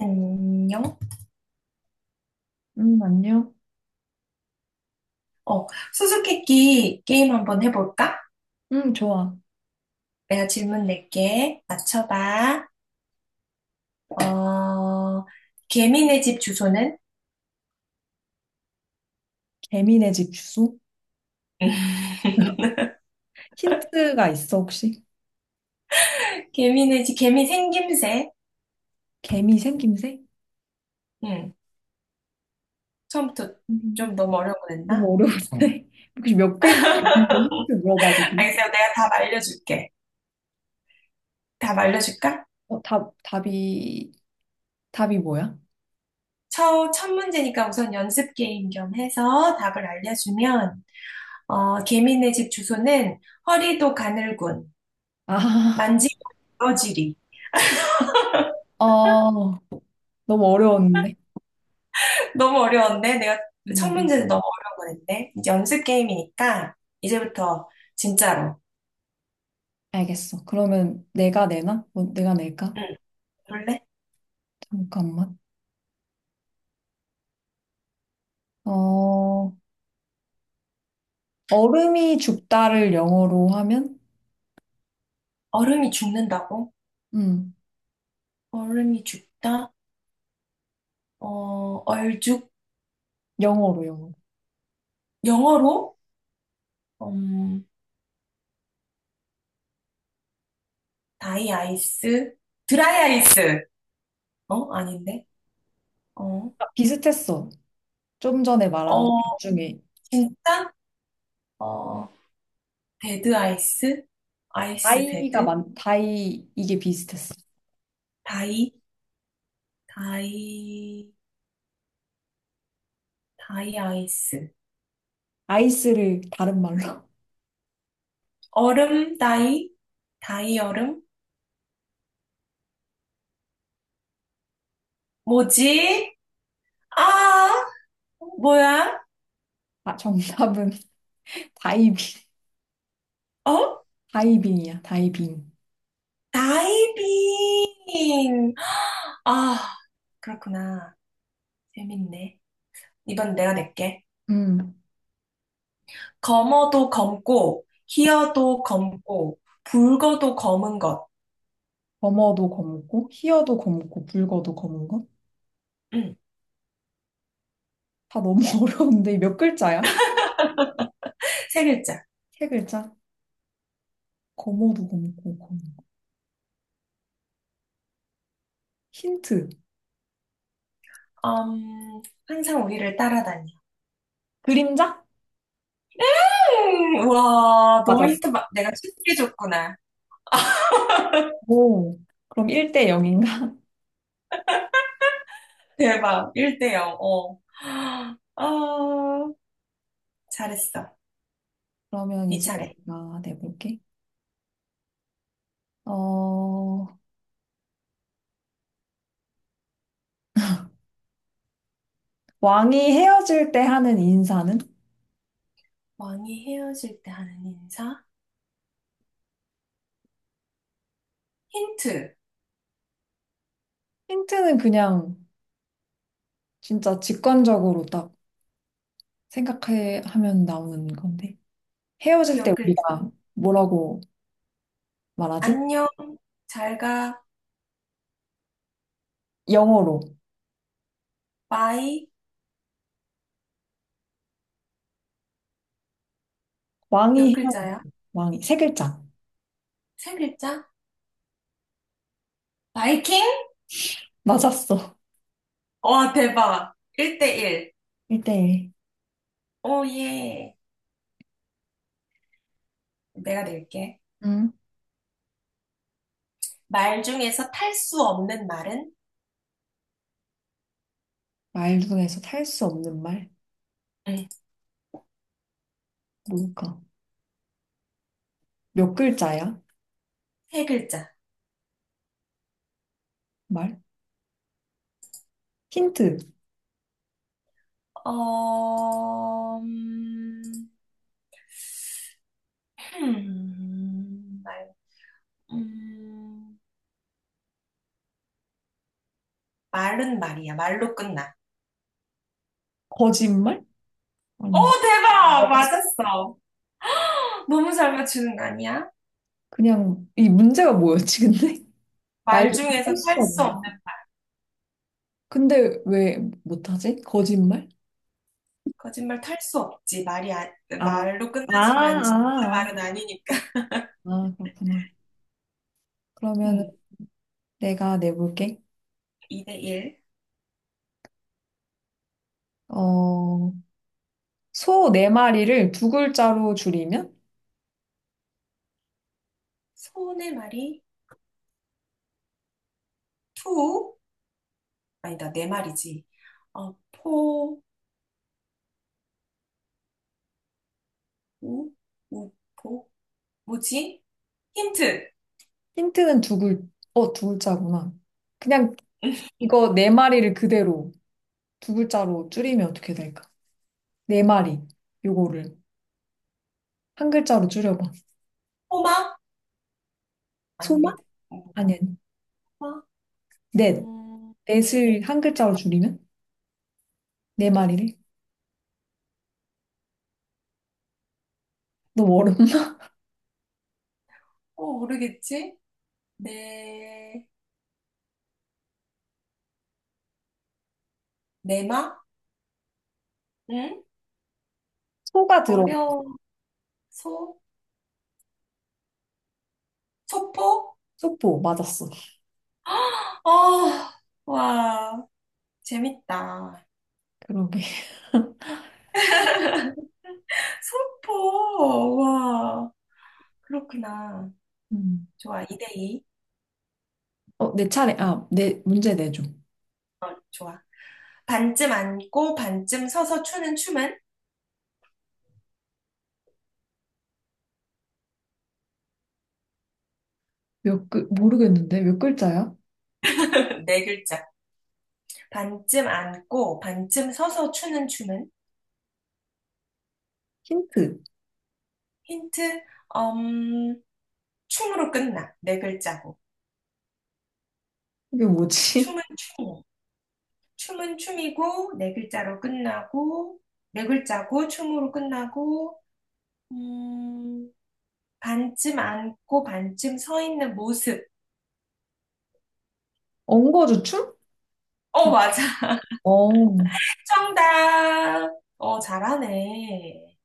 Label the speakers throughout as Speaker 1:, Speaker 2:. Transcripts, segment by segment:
Speaker 1: 안녕.
Speaker 2: 안녕.
Speaker 1: 어, 수수께끼 게임 한번 해볼까?
Speaker 2: 좋아.
Speaker 1: 내가 질문 낼게. 맞춰봐. 어, 개미네 집 주소는?
Speaker 2: 개미네 집 주소? 힌트가 있어, 혹시?
Speaker 1: 개미네 집, 개미 생김새.
Speaker 2: 개미 생김새?
Speaker 1: 응. 처음부터
Speaker 2: 생김새?
Speaker 1: 좀 너무 어려운 거 냈나?
Speaker 2: 너무 어려운데? 혹시 몇 글자 이런 거 힌트 물어봐도 돼?
Speaker 1: 알겠어. 내가 답 알려줄게. 답 알려줄까?
Speaker 2: 답, 답이 뭐야?
Speaker 1: 첫 문제니까 우선 연습 게임 겸 해서 답을 알려주면, 개미네 집 주소는 허리도 가늘군,
Speaker 2: 아,
Speaker 1: 만지고 부러지리.
Speaker 2: 어, 너무 어려웠는데.
Speaker 1: 너무 어려웠네. 내가
Speaker 2: 너무
Speaker 1: 첫
Speaker 2: 어려워.
Speaker 1: 문제는 너무 어려운 거 냈네. 이제 연습 게임이니까 이제부터 진짜로.
Speaker 2: 알겠어. 그러면 내가 내나? 뭐, 내가 낼까?
Speaker 1: 응, 그럴래?
Speaker 2: 잠깐만. 어, 얼음이 죽다를 영어로 하면?
Speaker 1: 얼음이 죽는다고?
Speaker 2: 음,
Speaker 1: 얼음이 죽다? 어, 얼죽?
Speaker 2: 영어로, 영어로.
Speaker 1: 영어로? 음, 다이 아이스? 드라이 아이스? 아닌데? 어,
Speaker 2: 아, 비슷했어. 좀 전에
Speaker 1: 어,
Speaker 2: 말한 답 중에
Speaker 1: 진짜? 어, 데드 아이스? 아이스 데드?
Speaker 2: 다이 이게 비슷했어.
Speaker 1: 다이? 다이, 다이 아이스.
Speaker 2: 아이스를 다른 말로.
Speaker 1: 얼음 다이? 다이 얼음? 뭐지? 아, 뭐야?
Speaker 2: 아, 정답은 다이빙.
Speaker 1: 어?
Speaker 2: 다이빙이야, 다이빙.
Speaker 1: 다이빙. 아, 그렇구나. 재밌네. 이번 내가 낼게.
Speaker 2: 음.
Speaker 1: 검어도 검고, 희어도 검고, 붉어도 검은 것.
Speaker 2: 검어도 검고, 희어도 검고, 붉어도 검은 것?
Speaker 1: 음,
Speaker 2: 다 너무 어려운데 몇 글자야?
Speaker 1: 세 글자.
Speaker 2: 세 글자? 검어도 검고, 검은 것. 힌트.
Speaker 1: 음, 항상 우리를 따라다녀.
Speaker 2: 그림자?
Speaker 1: 우와,
Speaker 2: 맞았어?
Speaker 1: 내가 쉽게 줬구나.
Speaker 2: 오. 그럼 1대 0인가?
Speaker 1: 대박. 1대 0. 어. 아, 잘했어.
Speaker 2: 그러면
Speaker 1: 네
Speaker 2: 이제
Speaker 1: 차례.
Speaker 2: 내가 내볼게. 어, 왕이 헤어질 때 하는 인사는?
Speaker 1: 왕이 헤어질 때 하는 인사? 힌트
Speaker 2: 힌트는 그냥 진짜 직관적으로 딱 생각해 하면 나오는 건데 헤어질 때
Speaker 1: 몇 글자?
Speaker 2: 우리가 뭐라고 말하지?
Speaker 1: 안녕, 잘 가,
Speaker 2: 영어로
Speaker 1: 바이 몇
Speaker 2: 왕이 헤어질
Speaker 1: 글자야?
Speaker 2: 때 왕이 세 글자
Speaker 1: 세 글자? 바이킹?
Speaker 2: 맞았어.
Speaker 1: 와 대박! 1대1.
Speaker 2: 1대1
Speaker 1: 오예. 내가 낼게.
Speaker 2: 응?
Speaker 1: 말 중에서 탈 수 없는 말은?
Speaker 2: 말 중에서 탈 수 없는 말
Speaker 1: 응,
Speaker 2: 뭘까? 몇 글자야?
Speaker 1: 세 글자.
Speaker 2: 말? 힌트.
Speaker 1: 어... 음, 음, 말, 음, 말은 말이야. 말로 끝나.
Speaker 2: 거짓말?
Speaker 1: 오
Speaker 2: 아니.
Speaker 1: 대박!
Speaker 2: 맞았어?
Speaker 1: 맞았어. 너무 잘 맞추는 거 아니야?
Speaker 2: 그냥 이 문제가 뭐였지 근데? 말
Speaker 1: 말
Speaker 2: 중에
Speaker 1: 중에서
Speaker 2: 탈수
Speaker 1: 탈 수
Speaker 2: 없는
Speaker 1: 없는,
Speaker 2: 근데 왜 못하지? 거짓말?
Speaker 1: 거짓말 탈 수 없지. 아,
Speaker 2: 아,
Speaker 1: 말로
Speaker 2: 아,
Speaker 1: 끝나지만 진짜
Speaker 2: 아,
Speaker 1: 말은 아니니까.
Speaker 2: 아, 아, 그렇구나. 그러면
Speaker 1: 음,
Speaker 2: 내가 내볼게.
Speaker 1: 2대 1.
Speaker 2: 어, 소 네 마리를 두 글자로 줄이면?
Speaker 1: 소의 말이 투, 아니다, 내 말이지. 포, 우, 우, 포, 뭐지? 힌트.
Speaker 2: 힌트는 두 글, 어, 두 글자구나. 그냥 이거 네 마리를 그대로 두 글자로 줄이면 어떻게 될까? 네 마리, 요거를 한 글자로 줄여봐.
Speaker 1: 포마?
Speaker 2: 소만?
Speaker 1: 아닌데.
Speaker 2: 아니, 아니.
Speaker 1: 포마?
Speaker 2: 넷.
Speaker 1: 음, 네.
Speaker 2: 넷을 한
Speaker 1: 네.
Speaker 2: 글자로 줄이면? 네 마리를? 너무 어렵나?
Speaker 1: 모르겠지? 네, 내마? 응?
Speaker 2: 소가 들어가.
Speaker 1: 어려워. 소? 소포?
Speaker 2: 소포, 맞았어.
Speaker 1: 어, 와. 재밌다.
Speaker 2: 그러게.
Speaker 1: 소포, 와, 그렇구나.
Speaker 2: 음.
Speaker 1: 좋아, 2대2.
Speaker 2: 어, 내 차례. 문제 내줘.
Speaker 1: 좋아. 반쯤 앉고 반쯤 서서 추는 춤은?
Speaker 2: 모르겠는데? 몇 글자야?
Speaker 1: 네 글자. 반쯤 앉고 반쯤 서서 추는 춤은?
Speaker 2: 힌트.
Speaker 1: 힌트, 음, 춤으로 끝나. 네 글자고.
Speaker 2: 이게 뭐지?
Speaker 1: 춤은 춤이고. 춤은 춤이고, 네 글자로 끝나고, 네 글자고, 춤으로 끝나고, 음, 반쯤 앉고 반쯤 서 있는 모습.
Speaker 2: 엉거주춤?
Speaker 1: 어,
Speaker 2: 막,
Speaker 1: 맞아.
Speaker 2: 어,
Speaker 1: 정답. 어, 잘하네.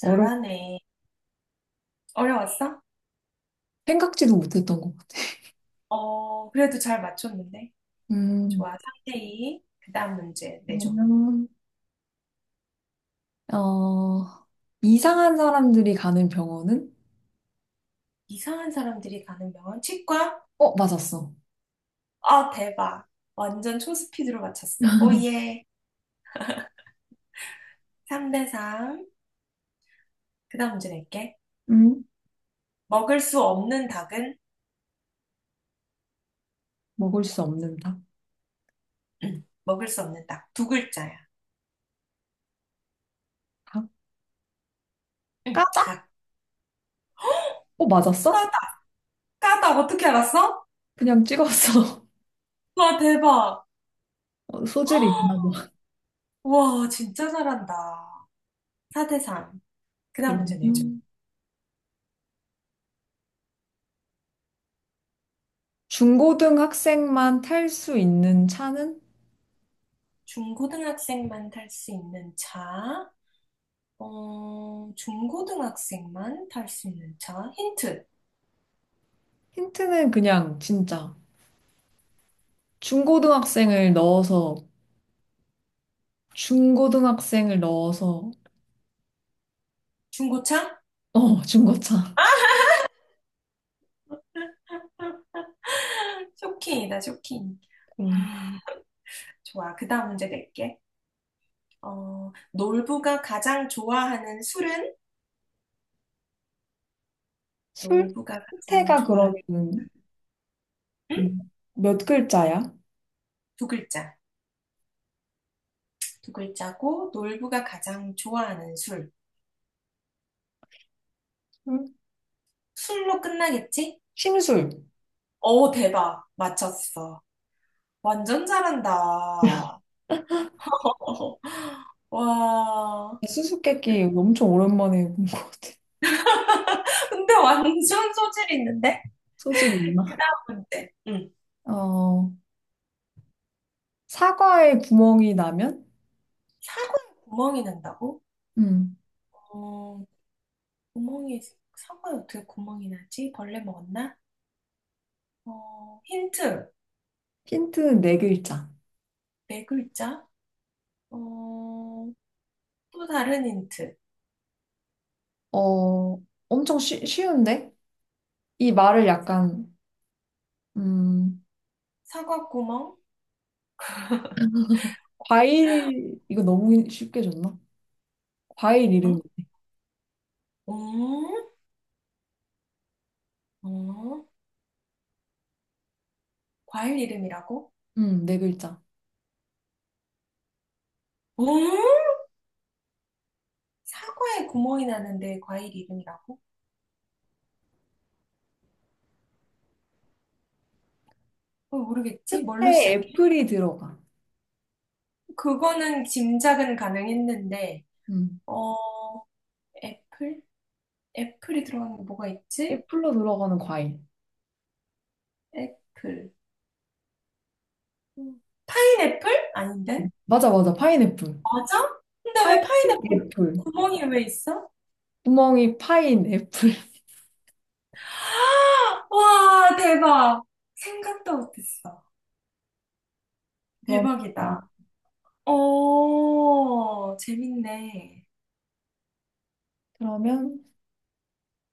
Speaker 2: 어려
Speaker 1: 어려웠어?
Speaker 2: 생각지도 못했던 것 같아.
Speaker 1: 그래도 잘 맞췄는데. 좋아.
Speaker 2: 음,
Speaker 1: 3대2. 그다음 문제 내줘.
Speaker 2: 그러면, 어, 이상한 사람들이 가는 병원은?
Speaker 1: 이상한 사람들이 가는 병원 치과?
Speaker 2: 어, 맞았어.
Speaker 1: 아, 대박. 완전 초스피드로 맞췄어. 오, 예. 3대3. 그다음 문제 낼게.
Speaker 2: 음,
Speaker 1: 먹을 수 없는 닭은?
Speaker 2: 먹을 수 없는 닭.
Speaker 1: 응, 먹을 수 없는 닭. 두 글자야.
Speaker 2: 닭?
Speaker 1: 응,
Speaker 2: 까닭?
Speaker 1: 닭.
Speaker 2: 어, 맞았어?
Speaker 1: 까닭. 까닭. 어떻게 알았어?
Speaker 2: 그냥 찍었어.
Speaker 1: 와, 대박.
Speaker 2: 어, 소질이 있나 봐.
Speaker 1: 와, 진짜 잘한다. 4대3. 그다음 문제 내줘.
Speaker 2: 그러면, 중고등 학생만 탈 수 있는 차는?
Speaker 1: 중고등학생만 탈 수 있는 차. 중고등학생만 탈 수 있는 차. 힌트.
Speaker 2: 힌트는 그냥, 진짜. 중고등학생을 넣어서, 중고등학생을 넣어서,
Speaker 1: 중고차?
Speaker 2: 어, 중고차.
Speaker 1: 아, 쇼킹이다, 쇼킹.
Speaker 2: 음.
Speaker 1: 아, 좋아. 그다음 문제 낼게. 놀부가 가장 좋아하는 술은? 놀부가 가장
Speaker 2: 술태가
Speaker 1: 좋아하는
Speaker 2: 그러면
Speaker 1: 응?
Speaker 2: 몇 글자야?
Speaker 1: 두 글자. 두 글자고 놀부가 가장 좋아하는 술.
Speaker 2: 술?
Speaker 1: 술로 끝나겠지?
Speaker 2: 심술.
Speaker 1: 대박. 맞췄어. 완전 잘한다. 와,
Speaker 2: 수수께끼 엄청 오랜만에 본 것 같아.
Speaker 1: 근데 완전 소질이 있는데?
Speaker 2: 소질
Speaker 1: 그
Speaker 2: 있나?
Speaker 1: 다음 문제. 응.
Speaker 2: 어, 사과에 구멍이 나면?
Speaker 1: 사과에 구멍이 난다고?
Speaker 2: 음.
Speaker 1: 어, 구멍이, 사과에 어떻게 구멍이 나지? 벌레 먹었나? 힌트.
Speaker 2: 힌트는 네 글자.
Speaker 1: 네 글자? 어, 또 다른 힌트.
Speaker 2: 어, 쉬운데? 이 말을 약간, 음,
Speaker 1: 사과 구멍?
Speaker 2: 이거 너무 쉽게 줬나? 과일
Speaker 1: 응?
Speaker 2: 이름.
Speaker 1: 음? 어, 과일 이름이라고?
Speaker 2: 네 글자.
Speaker 1: 음? 사과에 구멍이 나는데 과일 이름이라고? 모르겠지? 뭘로
Speaker 2: 끝에
Speaker 1: 시작해?
Speaker 2: 애플이 들어가.
Speaker 1: 그거는 짐작은 가능했는데,
Speaker 2: 음,
Speaker 1: 어, 애플? 애플이 들어가는 게 뭐가 있지?
Speaker 2: 애플로 들어가는 과일.
Speaker 1: 애플. 음. 파인애플? 아닌데?
Speaker 2: 맞아, 맞아. 파인애플.
Speaker 1: 맞아? 근데 왜 파인애플
Speaker 2: 파인애플.
Speaker 1: 구멍이 왜 있어?
Speaker 2: 구멍이 파인애플.
Speaker 1: 아, 와, 대박. 생각도 못했어.
Speaker 2: 그러면, 네.
Speaker 1: 대박이다. 오, 재밌네.
Speaker 2: 그러면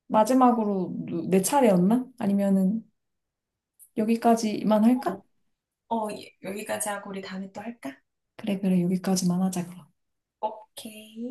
Speaker 2: 마지막으로 내 차례였나? 아니면은 여기까지만
Speaker 1: 어,
Speaker 2: 할까?
Speaker 1: 예, 여기까지 하고 우리 다음에 또 할까?
Speaker 2: 그래, 그래, 여기까지만 하자, 그럼.
Speaker 1: 오케이.